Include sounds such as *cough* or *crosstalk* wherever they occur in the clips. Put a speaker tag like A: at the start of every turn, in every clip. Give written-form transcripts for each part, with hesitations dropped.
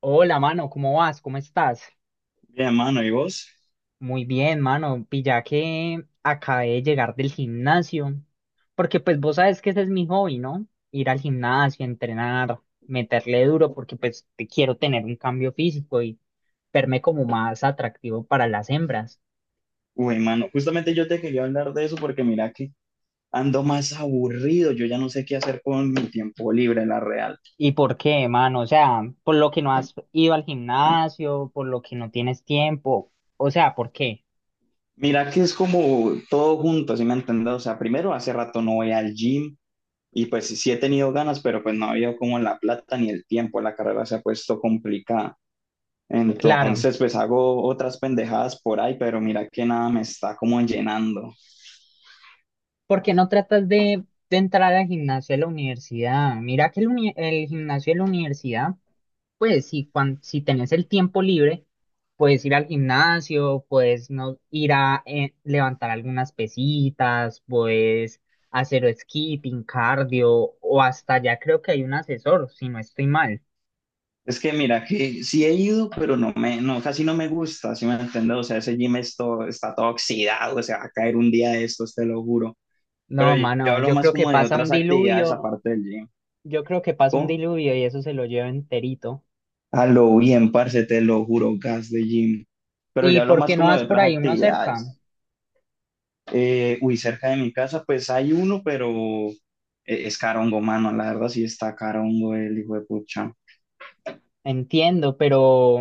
A: Hola, mano, ¿cómo vas? ¿Cómo estás?
B: Bien, mano, ¿y vos?
A: Muy bien, mano. Pilla que acabé de llegar del gimnasio, porque pues vos sabes que ese es mi hobby, ¿no? Ir al gimnasio, entrenar, meterle duro, porque pues te quiero tener un cambio físico y verme como más atractivo para las hembras.
B: Uy, mano, justamente yo te quería hablar de eso porque mira que ando más aburrido, yo ya no sé qué hacer con mi tiempo libre, la real.
A: ¿Y por qué, mano? O sea, por lo que no has ido al gimnasio, por lo que no tienes tiempo, o sea, ¿por qué?
B: Mira que es como todo junto, ¿sí me entiendes? O sea, primero hace rato no voy al gym y pues sí he tenido ganas, pero pues no había como la plata ni el tiempo, la carrera se ha puesto complicada.
A: Claro.
B: Entonces, pues hago otras pendejadas por ahí, pero mira que nada me está como llenando.
A: ¿Por qué no tratas de entrar al gimnasio de la universidad? Mira que el gimnasio de la universidad, pues si tenés el tiempo libre, puedes ir al gimnasio, puedes no, ir a levantar algunas pesitas, puedes hacer skipping, cardio, o hasta ya creo que hay un asesor, si no estoy mal.
B: Es que mira, que sí he ido, pero no me, no, casi no me gusta, ¿si me entiendes? O sea, ese gym esto está todo oxidado, o sea, va a caer un día de estos, te lo juro. Pero
A: No,
B: yo
A: mano,
B: hablo
A: yo
B: más
A: creo que
B: como de
A: pasa un
B: otras actividades
A: diluvio,
B: aparte del gym.
A: yo creo que pasa un
B: Oh,
A: diluvio y eso se lo lleva enterito.
B: a lo bien, parce, te lo juro, gas de gym. Pero
A: ¿Y
B: yo hablo
A: por
B: más
A: qué no
B: como de
A: vas por
B: otras
A: ahí uno cerca?
B: actividades. Uy, cerca de mi casa, pues hay uno, pero es carongo, mano, la verdad sí está carongo el hijo de pucha.
A: Entiendo, pero,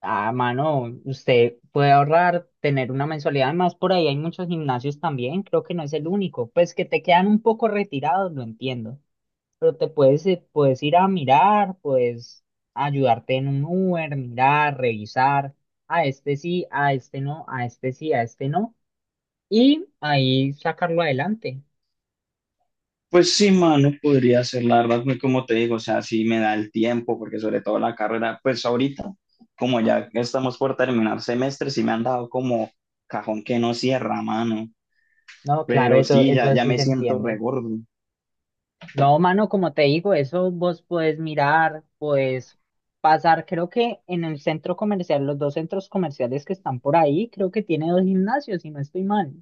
A: ah, mano, usted puede ahorrar, tener una mensualidad. Además, por ahí hay muchos gimnasios también, creo que no es el único. Pues que te quedan un poco retirados, lo entiendo. Pero puedes ir a mirar, puedes ayudarte en un Uber, mirar, revisar. A este sí, a este no, a este sí, a este no. Y ahí sacarlo adelante.
B: Pues sí, mano, podría ser, la verdad, pues, como te digo, o sea, sí me da el tiempo, porque sobre todo la carrera, pues ahorita, como ya estamos por terminar semestre, sí me han dado como cajón que no cierra, mano,
A: No, claro,
B: pero
A: eso,
B: sí, ya,
A: eso
B: ya
A: sí
B: me
A: se
B: siento
A: entiende.
B: regordo.
A: No, mano, como te digo, eso vos puedes mirar, puedes pasar, creo que en el centro comercial, los dos centros comerciales que están por ahí, creo que tiene dos gimnasios, si no estoy mal.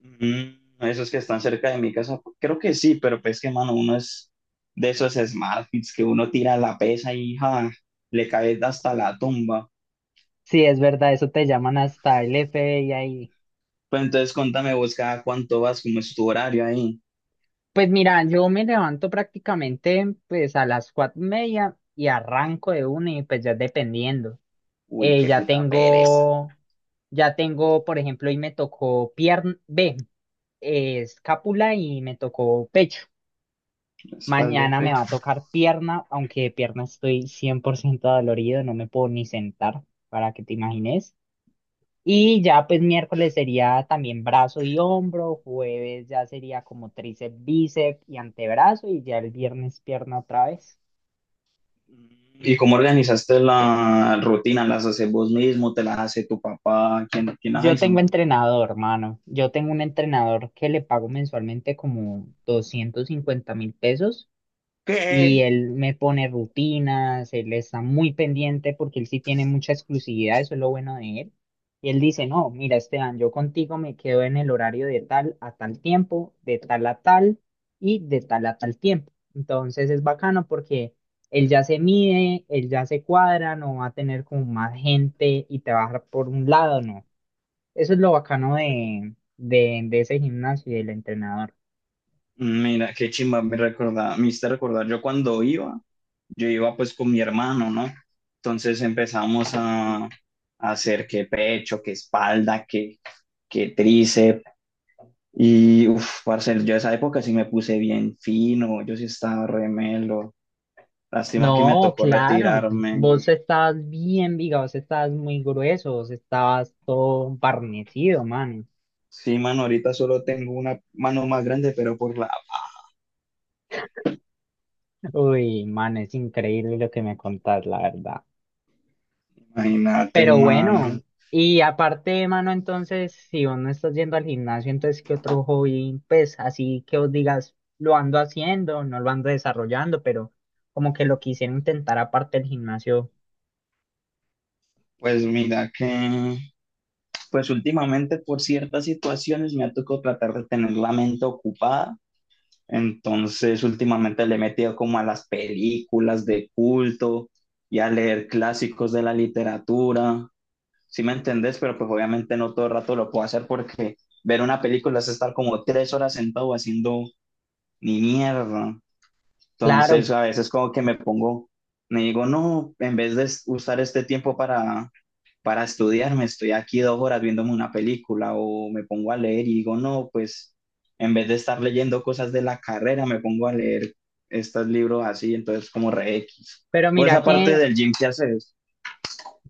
B: Esos que están cerca de mi casa, creo que sí, pero pues que, mano, uno es de esos smartphones que uno tira la pesa y ja, le cae hasta la tumba.
A: Sí, es verdad, eso te llaman hasta el F FBI ahí.
B: Pues entonces cuéntame vos cada cuánto vas, cómo es tu horario ahí.
A: Pues mira, yo me levanto prácticamente pues a las 4:30 y arranco de una y pues ya dependiendo.
B: Uy,
A: Eh,
B: qué
A: ya
B: puta pereza.
A: tengo, ya tengo, por ejemplo, hoy me tocó pierna, B, escápula y me tocó pecho.
B: La espalda y
A: Mañana me va
B: pecho.
A: a tocar pierna, aunque de pierna estoy 100% dolorido, no me puedo ni sentar, para que te imagines. Y ya pues miércoles sería también brazo y hombro, jueves ya sería como tríceps, bíceps y antebrazo y ya el viernes pierna otra vez.
B: ¿Y cómo organizaste la rutina? ¿Las haces vos mismo? ¿Te las hace tu papá? ¿Quién las
A: Yo
B: hizo?
A: tengo entrenador, hermano. Yo tengo un entrenador que le pago mensualmente como 250,000 pesos
B: ¿Qué?
A: y él me pone rutinas, él está muy pendiente porque él sí tiene mucha exclusividad, eso es lo bueno de él. Y él dice, no, mira, Esteban, yo contigo me quedo en el horario de tal a tal tiempo, de tal a tal y de tal a tal tiempo. Entonces es bacano porque él ya se mide, él ya se cuadra, no va a tener como más gente y te va a dejar por un lado, no. Eso es lo bacano de ese gimnasio y del entrenador.
B: Mira, qué chimba, me hiciste recordar, yo cuando iba, yo iba pues con mi hermano, ¿no? Entonces empezamos a hacer que pecho, que espalda, que tríceps, y uff, parce, yo esa época sí me puse bien fino, yo sí estaba remelo, lástima que me
A: No,
B: tocó
A: claro.
B: retirarme.
A: Vos estabas bien, viga, vos estabas muy grueso, vos estabas todo barnecido, man.
B: Sí, mano, ahorita solo tengo una mano más grande, pero por la paja.
A: Uy, man, es increíble lo que me contás, la verdad.
B: Imagínate,
A: Pero
B: mano.
A: bueno, y aparte, mano, entonces, si vos no estás yendo al gimnasio, entonces, ¿qué otro hobby? Pues así que vos digas, lo ando haciendo, no lo ando desarrollando, pero como que lo quisiera intentar aparte del gimnasio.
B: Pues mira que, pues últimamente por ciertas situaciones me ha tocado tratar de tener la mente ocupada. Entonces, últimamente le he metido como a las películas de culto y a leer clásicos de la literatura. ¿Sí me entendés? Pero pues obviamente no todo el rato lo puedo hacer porque ver una película es estar como tres horas sentado haciendo ni mierda. Entonces,
A: Claro,
B: a veces como que me pongo, me digo, no, en vez de usar este tiempo para estudiar, me estoy aquí dos horas viéndome una película o me pongo a leer y digo, no, pues en vez de estar leyendo cosas de la carrera, me pongo a leer estos libros así, entonces como re X.
A: pero
B: Pues
A: mira
B: aparte
A: que.
B: del gym, ¿qué haces?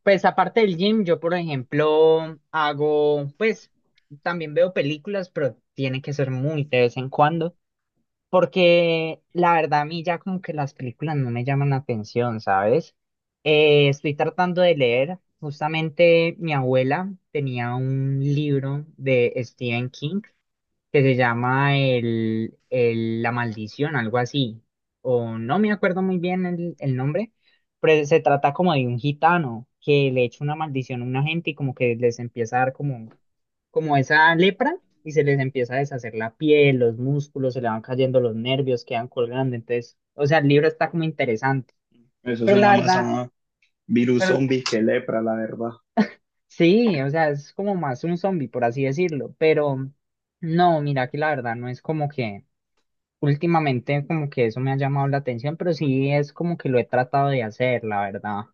A: Pues aparte del gym, yo por ejemplo hago, pues también veo películas, pero tiene que ser muy de vez en cuando, porque la verdad a mí ya como que las películas no me llaman la atención, ¿sabes? Estoy tratando de leer, justamente mi abuela tenía un libro de Stephen King que se llama La Maldición, algo así, o no me acuerdo muy bien el nombre, pero se trata como de un gitano que le echa una maldición a una gente y como esa lepra y se les empieza a deshacer la piel, los músculos, se le van cayendo los nervios, quedan colgando, entonces, o sea, el libro está como interesante,
B: Eso
A: pero la
B: suena más
A: verdad,
B: a virus
A: pero,
B: zombie que lepra, la verdad.
A: sí, o sea, es como más un zombie, por así decirlo, pero no, mira que la verdad no es como que... Últimamente como que eso me ha llamado la atención, pero sí es como que lo he tratado de hacer, la verdad.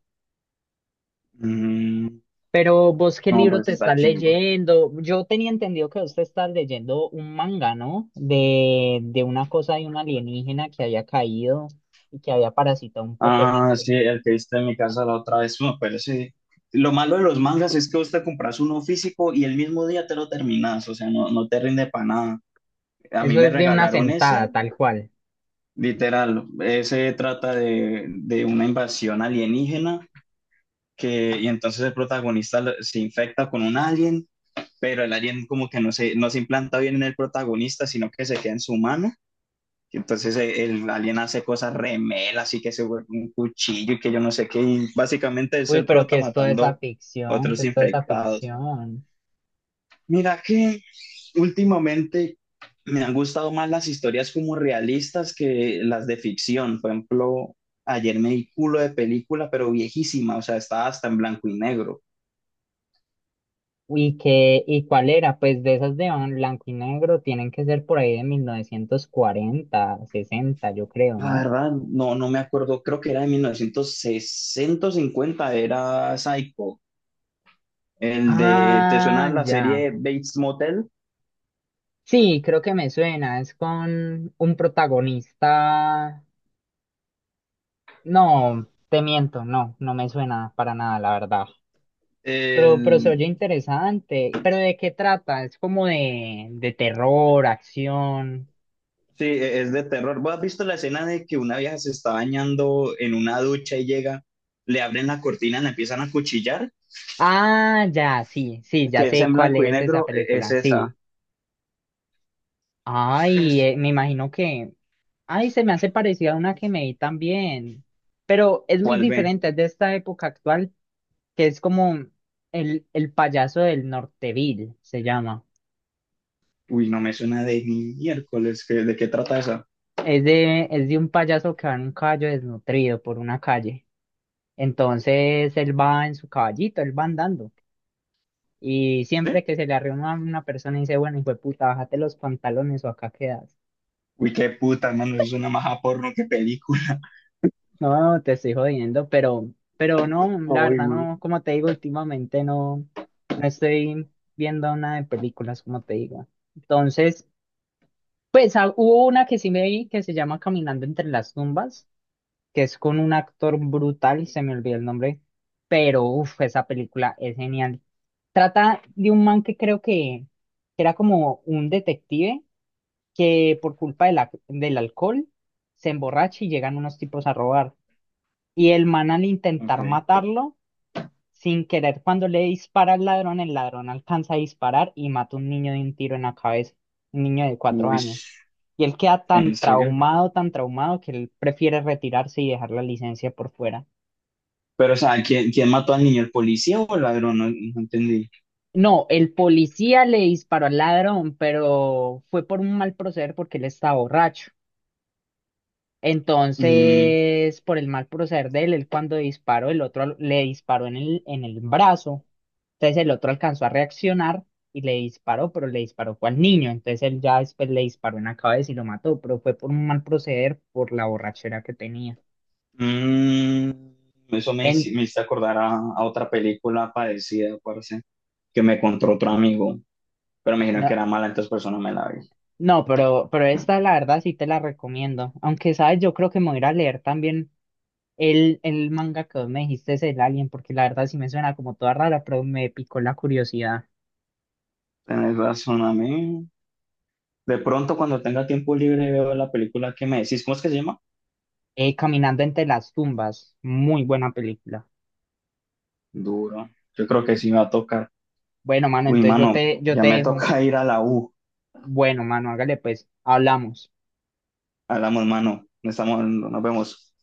B: Mm,
A: Pero vos, ¿qué
B: no,
A: libro
B: pues
A: te
B: está
A: estás
B: chimba.
A: leyendo? Yo tenía entendido que vos te estás leyendo un manga, ¿no? De una cosa de un alienígena que había caído y que había parasitado un poco de
B: Ah,
A: gente.
B: sí, el que viste en mi casa la otra vez, bueno, pero sí. Lo malo de los mangas es que vos te compras uno físico y el mismo día te lo terminas, o sea, no te rinde para nada. A mí
A: Eso
B: me
A: es de una
B: regalaron ese,
A: sentada, tal cual.
B: literal, ese trata de una invasión alienígena que, y entonces el protagonista se infecta con un alien, pero el alien como que no se implanta bien en el protagonista, sino que se queda en su mano. Y entonces el alien hace cosas remelas y que se vuelve un cuchillo y que yo no sé qué. Y básicamente es
A: Uy,
B: el
A: pero ¿qué
B: prota
A: es toda esa
B: matando
A: ficción? ¿Qué
B: otros
A: es toda esa
B: infectados.
A: ficción?
B: Mira que últimamente me han gustado más las historias como realistas que las de ficción. Por ejemplo, ayer me di culo de película, pero viejísima, o sea, estaba hasta en blanco y negro.
A: ¿Y qué, y cuál era? Pues de esas de blanco y negro tienen que ser por ahí de 1940, 1960 yo creo,
B: La
A: ¿no?
B: verdad, no me acuerdo, creo que era de 1960 50 era Psycho. El de, ¿te
A: Ah,
B: suena la
A: ya.
B: serie Bates Motel?
A: Sí, creo que me suena. Es con un protagonista. No, te miento, no, no me suena para nada, la verdad. Pero se
B: El-
A: oye interesante. ¿Pero de qué trata? Es como de terror, acción.
B: sí, es de terror. ¿Vos has visto la escena de que una vieja se está bañando en una ducha y llega, le abren la cortina, la empiezan a cuchillar?
A: Ah, ya, sí, sí, ya
B: Que es
A: sé
B: en
A: cuál
B: blanco y
A: es esa
B: negro, es
A: película. Sí,
B: esa.
A: ay,
B: Es-
A: me imagino que... Ay, se me hace parecida a una que me vi también. Pero es muy
B: ¿Cuál ve?
A: diferente, es de esta época actual, que es como el payaso del Norteville, se llama.
B: Uy, no me suena de ni miércoles. ¿De qué trata esa?
A: Es de un payaso que va en un caballo desnutrido por una calle. Entonces él va en su caballito, él va andando. Y
B: ¿Sí?
A: siempre que se le arrima una persona y dice, bueno, hijo de puta, bájate los pantalones o acá quedas.
B: Uy, qué puta, hermano, es una maja porno, qué película.
A: No, te estoy jodiendo, pero no,
B: *laughs*
A: la
B: Uy,
A: verdad
B: güey.
A: no, como te digo, últimamente no estoy viendo nada de películas, como te digo. Entonces, pues hubo una que sí me vi que se llama Caminando entre las tumbas, que es con un actor brutal, se me olvidó el nombre, pero uff, esa película es genial. Trata de un man que creo que era como un detective que por culpa de del alcohol se emborracha y llegan unos tipos a robar. Y el man al
B: Ok.
A: intentar matarlo, sin querer, cuando le dispara al ladrón, el ladrón alcanza a disparar y mata a un niño de un tiro en la cabeza, un niño de cuatro
B: Uy,
A: años. Y él queda
B: ¿en serio?
A: tan traumado, que él prefiere retirarse y dejar la licencia por fuera.
B: Pero, o sea, ¿quién mató al niño? ¿El policía o el ladrón? No, no entendí.
A: No, el policía le disparó al ladrón, pero fue por un mal proceder porque él estaba borracho.
B: Mm,
A: Entonces, por el mal proceder de él, él cuando disparó, el otro al- le disparó en el brazo. Entonces el otro alcanzó a reaccionar y le disparó, pero le disparó fue al niño. Entonces él ya después le disparó en la cabeza y lo mató, pero fue por un mal proceder, por la borrachera que tenía.
B: Mm, Eso
A: En,
B: me hizo acordar a otra película parecida, parece, que me contó otro amigo, pero me dijeron
A: no,
B: que era mala, entonces persona me la vi.
A: no, pero esta la verdad sí te la recomiendo. Aunque, ¿sabes? Yo creo que me voy a ir a leer también el manga que vos me dijiste, es el Alien, porque la verdad sí me suena como toda rara, pero me picó la curiosidad.
B: Tenés razón a mí. De pronto, cuando tenga tiempo libre, veo la película que me decís. ¿Cómo es que se llama?
A: Caminando entre las tumbas, muy buena película.
B: Duro. Yo creo que sí me va a tocar.
A: Bueno, mano,
B: Uy,
A: entonces yo
B: mano,
A: te, yo
B: ya
A: te
B: me
A: dejo.
B: toca *laughs* ir a la U.
A: Bueno, mano, hágale pues, hablamos.
B: Hablamos, mano. Estamos, nos vemos.